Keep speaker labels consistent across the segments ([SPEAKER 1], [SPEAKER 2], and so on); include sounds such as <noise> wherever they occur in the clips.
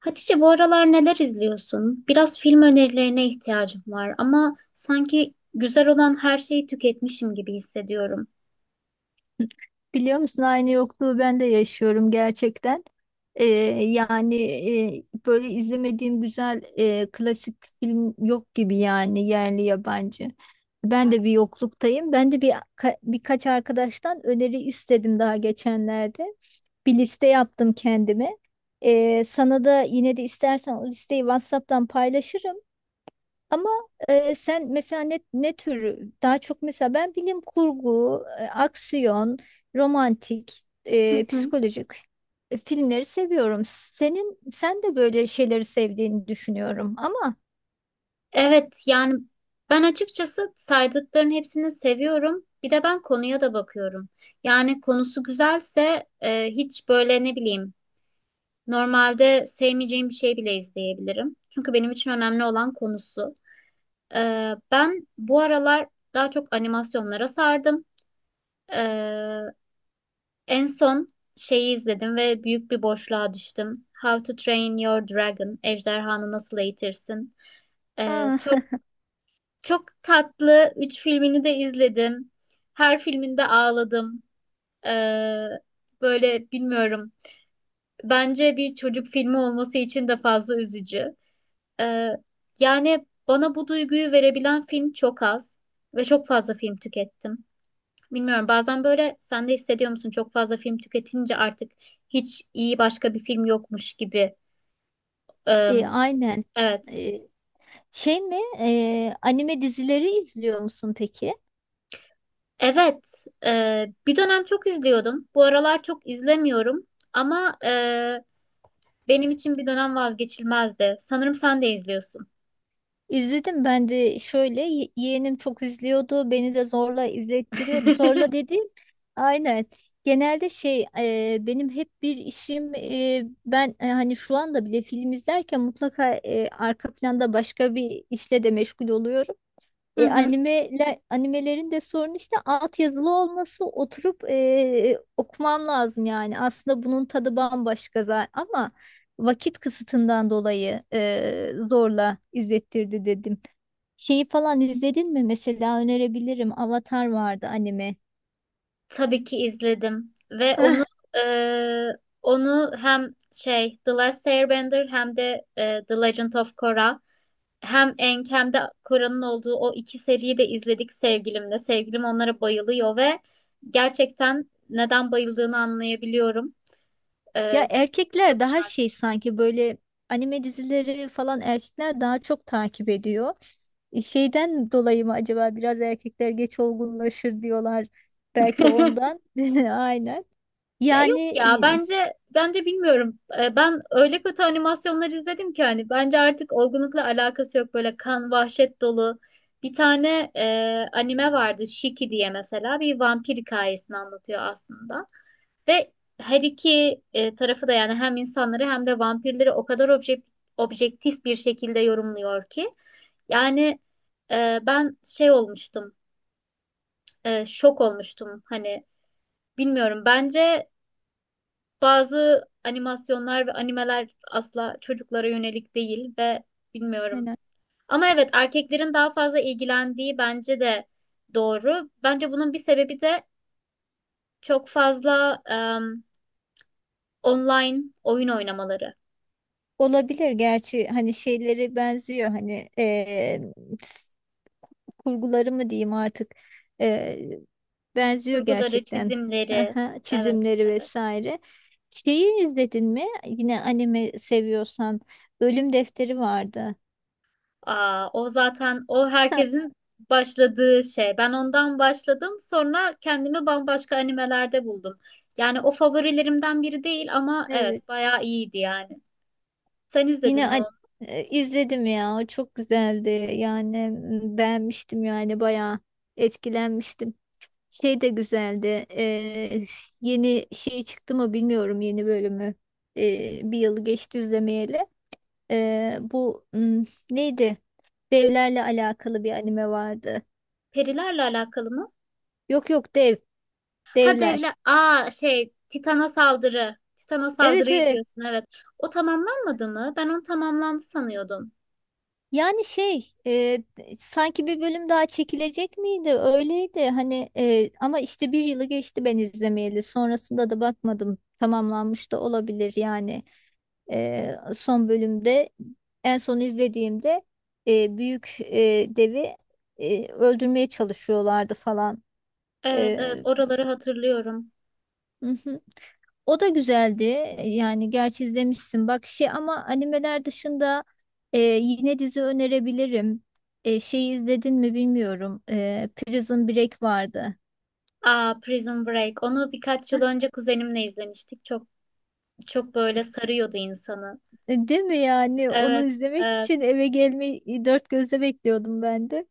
[SPEAKER 1] Hatice, bu aralar neler izliyorsun? Biraz film önerilerine ihtiyacım var ama sanki güzel olan her şeyi tüketmişim gibi hissediyorum.
[SPEAKER 2] Biliyor musun aynı yokluğu ben de yaşıyorum gerçekten. Ee, yani Böyle izlemediğim güzel klasik film yok gibi yani yerli yabancı. Ben de bir yokluktayım. Ben de bir ka- Birkaç arkadaştan öneri istedim daha geçenlerde. Bir liste yaptım kendime. Sana da yine de istersen o listeyi WhatsApp'tan paylaşırım. Ama Sen mesela ne tür daha çok, mesela ben bilim kurgu, aksiyon, romantik,
[SPEAKER 1] Hı hı.
[SPEAKER 2] psikolojik, filmleri seviyorum. Sen de böyle şeyleri sevdiğini düşünüyorum ama
[SPEAKER 1] Evet, yani ben açıkçası saydıkların hepsini seviyorum. Bir de ben konuya da bakıyorum. Yani konusu güzelse, hiç böyle, ne bileyim, normalde sevmeyeceğim bir şey bile izleyebilirim. Çünkü benim için önemli olan konusu. Ben bu aralar daha çok animasyonlara sardım. E, En son şeyi izledim ve büyük bir boşluğa düştüm. How to Train Your Dragon, Ejderhanı Nasıl Eğitirsin. Ee,
[SPEAKER 2] ha,
[SPEAKER 1] çok çok tatlı. Üç filmini de izledim. Her filminde ağladım. Ee, Böyle, bilmiyorum. Bence bir çocuk filmi olması için de fazla üzücü. Ee, Yani bana bu duyguyu verebilen film çok az ve çok fazla film tükettim. Bilmiyorum, bazen böyle sen de hissediyor musun çok fazla film tüketince artık hiç iyi başka bir film yokmuş gibi.
[SPEAKER 2] <laughs>
[SPEAKER 1] Eee,
[SPEAKER 2] aynen.
[SPEAKER 1] evet.
[SPEAKER 2] E, Anime dizileri izliyor musun peki?
[SPEAKER 1] Evet. Bir dönem çok izliyordum. Bu aralar çok izlemiyorum, ama benim için bir dönem vazgeçilmezdi. Sanırım sen de izliyorsun.
[SPEAKER 2] İzledim ben de. Şöyle yeğenim çok izliyordu, beni de zorla izlettiriyordu. Zorla dediğim aynen, benim hep bir işim. Hani şu anda bile film izlerken mutlaka arka planda başka bir işle de meşgul oluyorum.
[SPEAKER 1] Hı hı.
[SPEAKER 2] Animelerin de sorunu işte altyazılı olması, oturup okumam lazım yani. Aslında bunun tadı bambaşka zaten ama vakit kısıtından dolayı zorla izlettirdi dedim. Şeyi falan izledin mi? Mesela önerebilirim. Avatar vardı, anime.
[SPEAKER 1] Tabii ki izledim, ve onu
[SPEAKER 2] <laughs>
[SPEAKER 1] eee, onu hem şey The Last Airbender hem de The Legend of Korra. Hem Enkem'de Kora'nın olduğu o iki seriyi de izledik sevgilimle. Sevgilim onlara bayılıyor ve gerçekten neden bayıldığını anlayabiliyorum.
[SPEAKER 2] Ya
[SPEAKER 1] Çok
[SPEAKER 2] erkekler
[SPEAKER 1] çok
[SPEAKER 2] daha
[SPEAKER 1] güzel.
[SPEAKER 2] şey sanki, böyle anime dizileri falan erkekler daha çok takip ediyor. Şeyden dolayı mı acaba? Biraz erkekler geç olgunlaşır diyorlar. Belki
[SPEAKER 1] <laughs>
[SPEAKER 2] ondan. <laughs> Aynen.
[SPEAKER 1] Ya
[SPEAKER 2] Yani
[SPEAKER 1] yok ya,
[SPEAKER 2] e,
[SPEAKER 1] bence, bilmiyorum. Ben öyle kötü animasyonlar izledim ki, hani bence artık olgunlukla alakası yok, böyle kan vahşet dolu. Bir tane anime vardı, Shiki diye, mesela bir vampir hikayesini anlatıyor aslında. Ve her iki tarafı da, yani hem insanları hem de vampirleri o kadar objektif bir şekilde yorumluyor ki. Yani ben şok olmuştum. Hani, bilmiyorum, bence bazı animasyonlar ve animeler asla çocuklara yönelik değil ve bilmiyorum.
[SPEAKER 2] aynen.
[SPEAKER 1] Ama evet, erkeklerin daha fazla ilgilendiği bence de doğru. Bence bunun bir sebebi de çok fazla online oyun oynamaları.
[SPEAKER 2] Olabilir gerçi, hani şeyleri benziyor, hani kurguları mı diyeyim artık, e, benziyor
[SPEAKER 1] Kurguları,
[SPEAKER 2] gerçekten.
[SPEAKER 1] çizimleri.
[SPEAKER 2] Aha,
[SPEAKER 1] Evet,
[SPEAKER 2] çizimleri
[SPEAKER 1] evet.
[SPEAKER 2] vesaire. Şeyi izledin mi? Yine anime seviyorsan Ölüm Defteri vardı.
[SPEAKER 1] Aa, o zaten o
[SPEAKER 2] Ha,
[SPEAKER 1] herkesin başladığı şey. Ben ondan başladım. Sonra kendimi bambaşka animelerde buldum. Yani o favorilerimden biri değil, ama
[SPEAKER 2] evet.
[SPEAKER 1] evet bayağı iyiydi yani. Sen izledin
[SPEAKER 2] Yine
[SPEAKER 1] mi
[SPEAKER 2] an-
[SPEAKER 1] onu?
[SPEAKER 2] izledim ya. O çok güzeldi. Yani beğenmiştim, yani bayağı etkilenmiştim. Şey de güzeldi. Yeni şey çıktı mı bilmiyorum, yeni bölümü. Bir yıl geçti izlemeyeli. Ee, bu hmm, Neydi? Devlerle alakalı bir anime vardı.
[SPEAKER 1] Perilerle alakalı mı?
[SPEAKER 2] Yok yok,
[SPEAKER 1] Ha
[SPEAKER 2] devler.
[SPEAKER 1] devlet. Aa şey, Titan'a saldırı. Titan'a
[SPEAKER 2] Evet
[SPEAKER 1] saldırıyı
[SPEAKER 2] evet.
[SPEAKER 1] diyorsun, evet. O tamamlanmadı mı? Ben onu tamamlandı sanıyordum.
[SPEAKER 2] Yani sanki bir bölüm daha çekilecek miydi? Öyleydi hani ama işte bir yılı geçti ben izlemeyeli. Sonrasında da bakmadım. Tamamlanmış da olabilir yani. Son bölümde, en son izlediğimde büyük devi öldürmeye çalışıyorlardı falan.
[SPEAKER 1] Evet evet,
[SPEAKER 2] E,
[SPEAKER 1] oraları hatırlıyorum.
[SPEAKER 2] <laughs> O da güzeldi. Yani gerçi izlemişsin bak şey, ama animeler dışında yine dizi önerebilirim. Şeyi izledin mi bilmiyorum. Prison Break vardı.
[SPEAKER 1] Aa, Prison Break. Onu birkaç yıl önce kuzenimle izlemiştik. Çok böyle sarıyordu insanı.
[SPEAKER 2] Değil mi yani? Onu
[SPEAKER 1] Evet,
[SPEAKER 2] izlemek
[SPEAKER 1] evet,
[SPEAKER 2] için eve gelmeyi dört gözle bekliyordum ben de.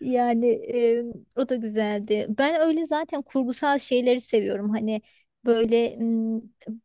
[SPEAKER 2] Yani o da güzeldi. Ben öyle zaten kurgusal şeyleri seviyorum. Hani böyle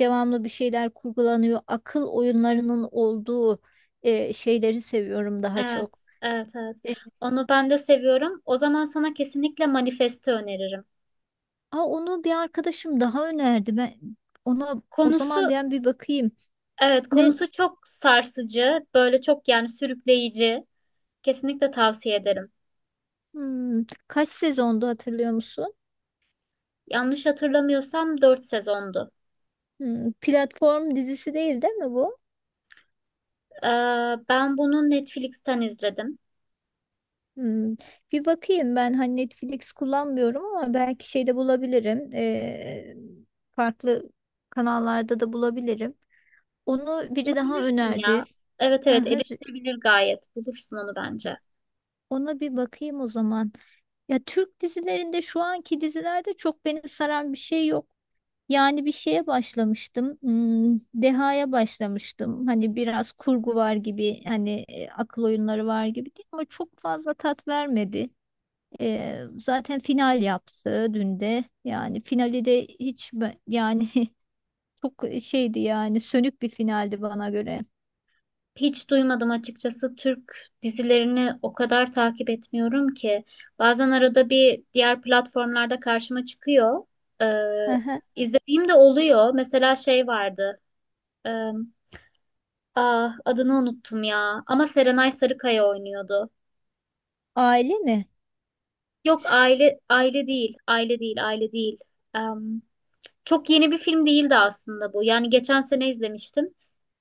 [SPEAKER 2] devamlı bir şeyler kurgulanıyor. Akıl oyunlarının olduğu şeyleri seviyorum daha
[SPEAKER 1] evet,
[SPEAKER 2] çok.
[SPEAKER 1] evet, evet.
[SPEAKER 2] E,
[SPEAKER 1] Onu ben de seviyorum. O zaman sana kesinlikle Manifest'i öneririm.
[SPEAKER 2] Aa, onu bir arkadaşım daha önerdi. Ona o zaman
[SPEAKER 1] Konusu,
[SPEAKER 2] bir bakayım.
[SPEAKER 1] evet,
[SPEAKER 2] Ne
[SPEAKER 1] konusu çok sarsıcı, böyle çok, yani sürükleyici. Kesinlikle tavsiye ederim.
[SPEAKER 2] Kaç sezondu hatırlıyor musun?
[SPEAKER 1] Yanlış hatırlamıyorsam 4 sezondu.
[SPEAKER 2] Hmm, platform dizisi değil mi bu?
[SPEAKER 1] Ee, Ben bunu Netflix'ten izledim.
[SPEAKER 2] Hmm, bir bakayım ben, hani Netflix kullanmıyorum ama belki şeyde bulabilirim. Farklı kanallarda da bulabilirim. Onu biri daha
[SPEAKER 1] Bulabilirsin
[SPEAKER 2] önerdi.
[SPEAKER 1] ya. Evet evet,
[SPEAKER 2] Aha, z-
[SPEAKER 1] erişilebilir gayet. Bulursun onu bence.
[SPEAKER 2] Ona bir bakayım o zaman. Ya Türk dizilerinde, şu anki dizilerde çok beni saran bir şey yok. Yani bir şeye başlamıştım. Hmm, Deha'ya başlamıştım. Hani biraz kurgu
[SPEAKER 1] Hı.
[SPEAKER 2] var gibi, hani akıl oyunları var gibi, değil ama çok fazla tat vermedi. Zaten final yaptı dün de. Yani finali de yani, <laughs> çok şeydi yani, sönük bir finaldi bana göre.
[SPEAKER 1] Hiç duymadım açıkçası. Türk dizilerini o kadar takip etmiyorum ki. Bazen arada bir diğer platformlarda karşıma çıkıyor. Ee,
[SPEAKER 2] Aha.
[SPEAKER 1] izlediğim de oluyor. Mesela şey vardı. Ee, ah, adını unuttum ya. Ama Serenay Sarıkaya oynuyordu.
[SPEAKER 2] Aile mi?
[SPEAKER 1] Yok,
[SPEAKER 2] Ş-
[SPEAKER 1] aile aile değil. Aile değil. Aile değil. Ee, Çok yeni bir film değildi aslında bu. Yani geçen sene izlemiştim.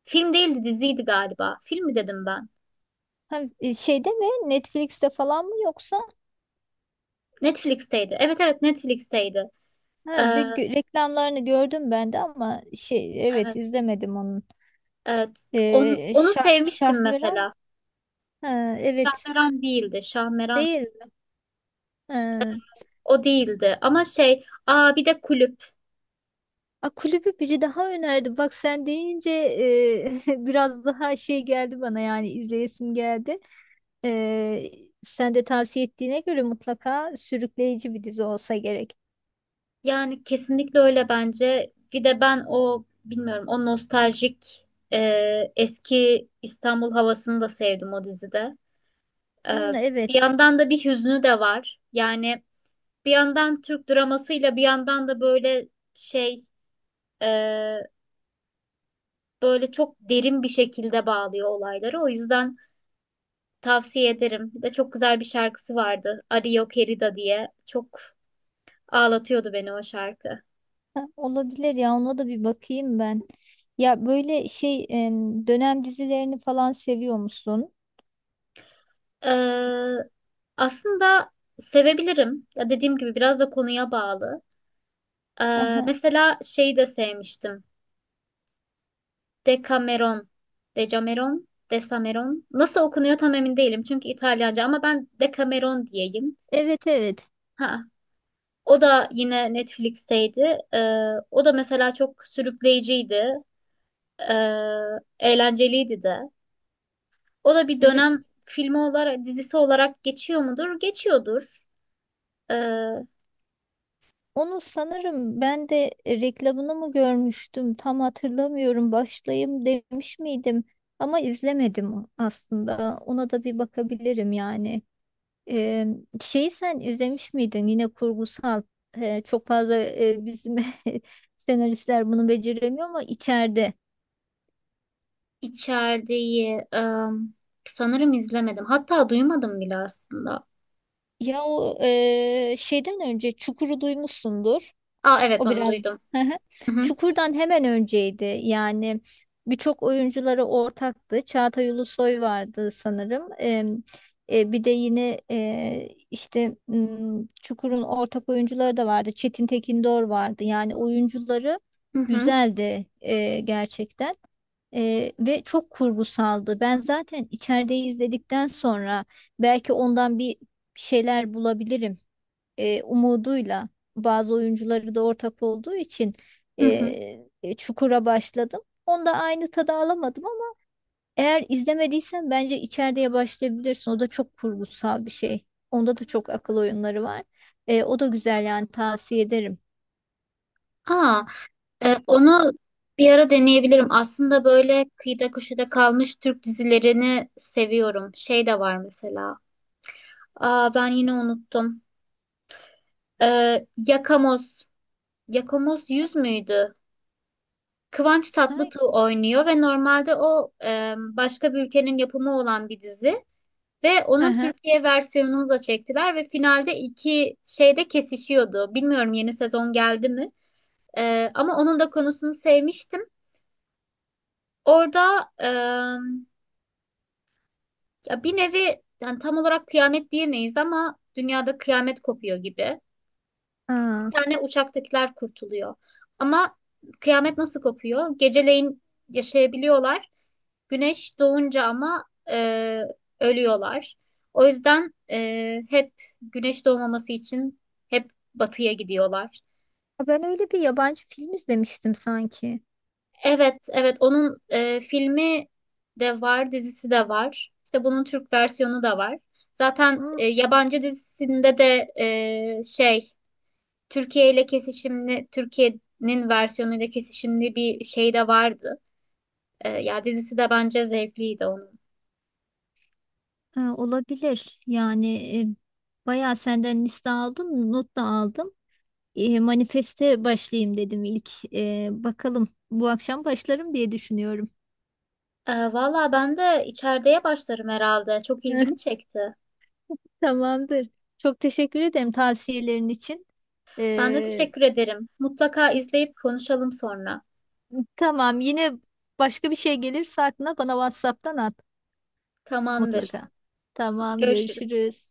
[SPEAKER 1] Film değildi, diziydi galiba. Film mi dedim ben?
[SPEAKER 2] Şeyde mi? Netflix'te falan mı yoksa?
[SPEAKER 1] Netflix'teydi. Evet evet, Netflix'teydi.
[SPEAKER 2] Ha,
[SPEAKER 1] Ee,
[SPEAKER 2] reklamlarını gördüm ben de ama şey, evet,
[SPEAKER 1] Evet,
[SPEAKER 2] izlemedim onu.
[SPEAKER 1] evet. Onu, onu
[SPEAKER 2] Şah
[SPEAKER 1] sevmiştim
[SPEAKER 2] Şahmeran,
[SPEAKER 1] mesela.
[SPEAKER 2] ha, evet,
[SPEAKER 1] Şahmeran değildi. Şahmeran
[SPEAKER 2] değil, ha.
[SPEAKER 1] o değildi. Ama şey, aa bir de Kulüp.
[SPEAKER 2] A, kulübü biri daha önerdi bak, sen deyince <laughs> biraz daha şey geldi bana, yani izleyesim geldi. Ee, Sen de tavsiye ettiğine göre mutlaka sürükleyici bir dizi olsa gerek.
[SPEAKER 1] Yani kesinlikle öyle bence. Bir de ben, o bilmiyorum, o nostaljik eski İstanbul havasını da sevdim o dizide. E,
[SPEAKER 2] Hmm,
[SPEAKER 1] Bir
[SPEAKER 2] evet.
[SPEAKER 1] yandan da bir hüznü de var. Yani bir yandan Türk dramasıyla, bir yandan da böyle şey, e, böyle çok derin bir şekilde bağlıyor olayları. O yüzden tavsiye ederim. Bir de çok güzel bir şarkısı vardı, Ario Querida diye. Çok ağlatıyordu beni o şarkı.
[SPEAKER 2] Ha, olabilir ya, ona da bir bakayım ben. Ya böyle dönem dizilerini falan seviyor musun?
[SPEAKER 1] Ee, aslında sevebilirim. Ya dediğim gibi biraz da konuya bağlı.
[SPEAKER 2] Aha.
[SPEAKER 1] Mesela şeyi de sevmiştim. Decameron. Decameron. Desameron. Nasıl okunuyor tam emin değilim. Çünkü İtalyanca, ama ben Decameron diyeyim.
[SPEAKER 2] Evet evet
[SPEAKER 1] Ha. O da yine Netflix'teydi. O da mesela çok sürükleyiciydi. Ee, eğlenceliydi de. O da bir dönem
[SPEAKER 2] evet.
[SPEAKER 1] filmi olarak, dizisi olarak geçiyor mudur? Geçiyordur. Ee,
[SPEAKER 2] Onu sanırım ben de reklamını mı görmüştüm tam hatırlamıyorum, başlayayım demiş miydim, ama izlemedim. Aslında ona da bir bakabilirim yani. Ee, Şeyi sen izlemiş miydin, yine kurgusal. Çok fazla bizim <laughs> senaristler bunu beceremiyor, ama içeride.
[SPEAKER 1] içeriği sanırım izlemedim. Hatta duymadım bile aslında.
[SPEAKER 2] Ya o şeyden önce Çukur'u duymuşsundur.
[SPEAKER 1] Aa evet,
[SPEAKER 2] O
[SPEAKER 1] onu
[SPEAKER 2] biraz.
[SPEAKER 1] duydum.
[SPEAKER 2] Hı hı.
[SPEAKER 1] Hı hı,
[SPEAKER 2] Çukur'dan hemen önceydi. Yani birçok oyuncuları ortaktı. Çağatay Ulusoy vardı sanırım. Bir de yine Çukur'un ortak oyuncuları da vardı. Çetin Tekindor vardı. Yani oyuncuları
[SPEAKER 1] hı hı,
[SPEAKER 2] güzeldi gerçekten. Ve çok kurgusaldı. Ben zaten içerideyi izledikten sonra belki ondan bir şeyler bulabilirim umuduyla, bazı oyuncuları da ortak olduğu için e,
[SPEAKER 1] hı hı.
[SPEAKER 2] Çukur'a başladım. Onda aynı tadı alamadım ama eğer izlemediysen bence içeriye başlayabilirsin. O da çok kurgusal bir şey. Onda da çok akıl oyunları var. O da güzel yani, tavsiye ederim.
[SPEAKER 1] Aa, onu bir ara deneyebilirim. Aslında böyle kıyıda köşede kalmış Türk dizilerini seviyorum. Şey de var mesela. Aa ben yine unuttum. Yakamoz. Yakamoz 100 müydü? Kıvanç
[SPEAKER 2] Say.
[SPEAKER 1] Tatlıtuğ oynuyor ve normalde o başka bir ülkenin yapımı olan bir dizi, ve
[SPEAKER 2] Hı
[SPEAKER 1] onun
[SPEAKER 2] hı.
[SPEAKER 1] Türkiye versiyonunu da çektiler ve finalde iki şeyde kesişiyordu. Bilmiyorum yeni sezon geldi mi? Ama onun da konusunu sevmiştim. Orada, ya bir nevi, yani tam olarak kıyamet diyemeyiz, ama dünyada kıyamet kopuyor gibi.
[SPEAKER 2] Aa,
[SPEAKER 1] Tane uçaktakiler kurtuluyor. Ama kıyamet nasıl kopuyor? Geceleyin yaşayabiliyorlar. Güneş doğunca ama e, ölüyorlar. O yüzden hep güneş doğmaması için hep batıya gidiyorlar.
[SPEAKER 2] ben öyle bir yabancı film izlemiştim sanki.
[SPEAKER 1] Evet, evet, onun filmi de var, dizisi de var. İşte bunun Türk versiyonu da var. Zaten
[SPEAKER 2] Hı,
[SPEAKER 1] yabancı dizisinde de şey Türkiye ile kesişimli, Türkiye'nin versiyonuyla kesişimli bir şey de vardı. Ya dizisi de bence zevkliydi onun.
[SPEAKER 2] ha, olabilir. Yani bayağı senden liste aldım, not da aldım. E, manifeste başlayayım dedim ilk. Bakalım, bu akşam başlarım diye düşünüyorum.
[SPEAKER 1] Valla ben de içerideye başlarım herhalde. Çok ilgimi
[SPEAKER 2] <laughs>
[SPEAKER 1] çekti.
[SPEAKER 2] Tamamdır. Çok teşekkür ederim tavsiyelerin için.
[SPEAKER 1] Ben de
[SPEAKER 2] E,
[SPEAKER 1] teşekkür ederim. Mutlaka izleyip konuşalım sonra.
[SPEAKER 2] tamam, yine başka bir şey gelirse aklına bana WhatsApp'tan at
[SPEAKER 1] Tamamdır.
[SPEAKER 2] mutlaka.
[SPEAKER 1] Hadi
[SPEAKER 2] Tamam,
[SPEAKER 1] görüşürüz.
[SPEAKER 2] görüşürüz.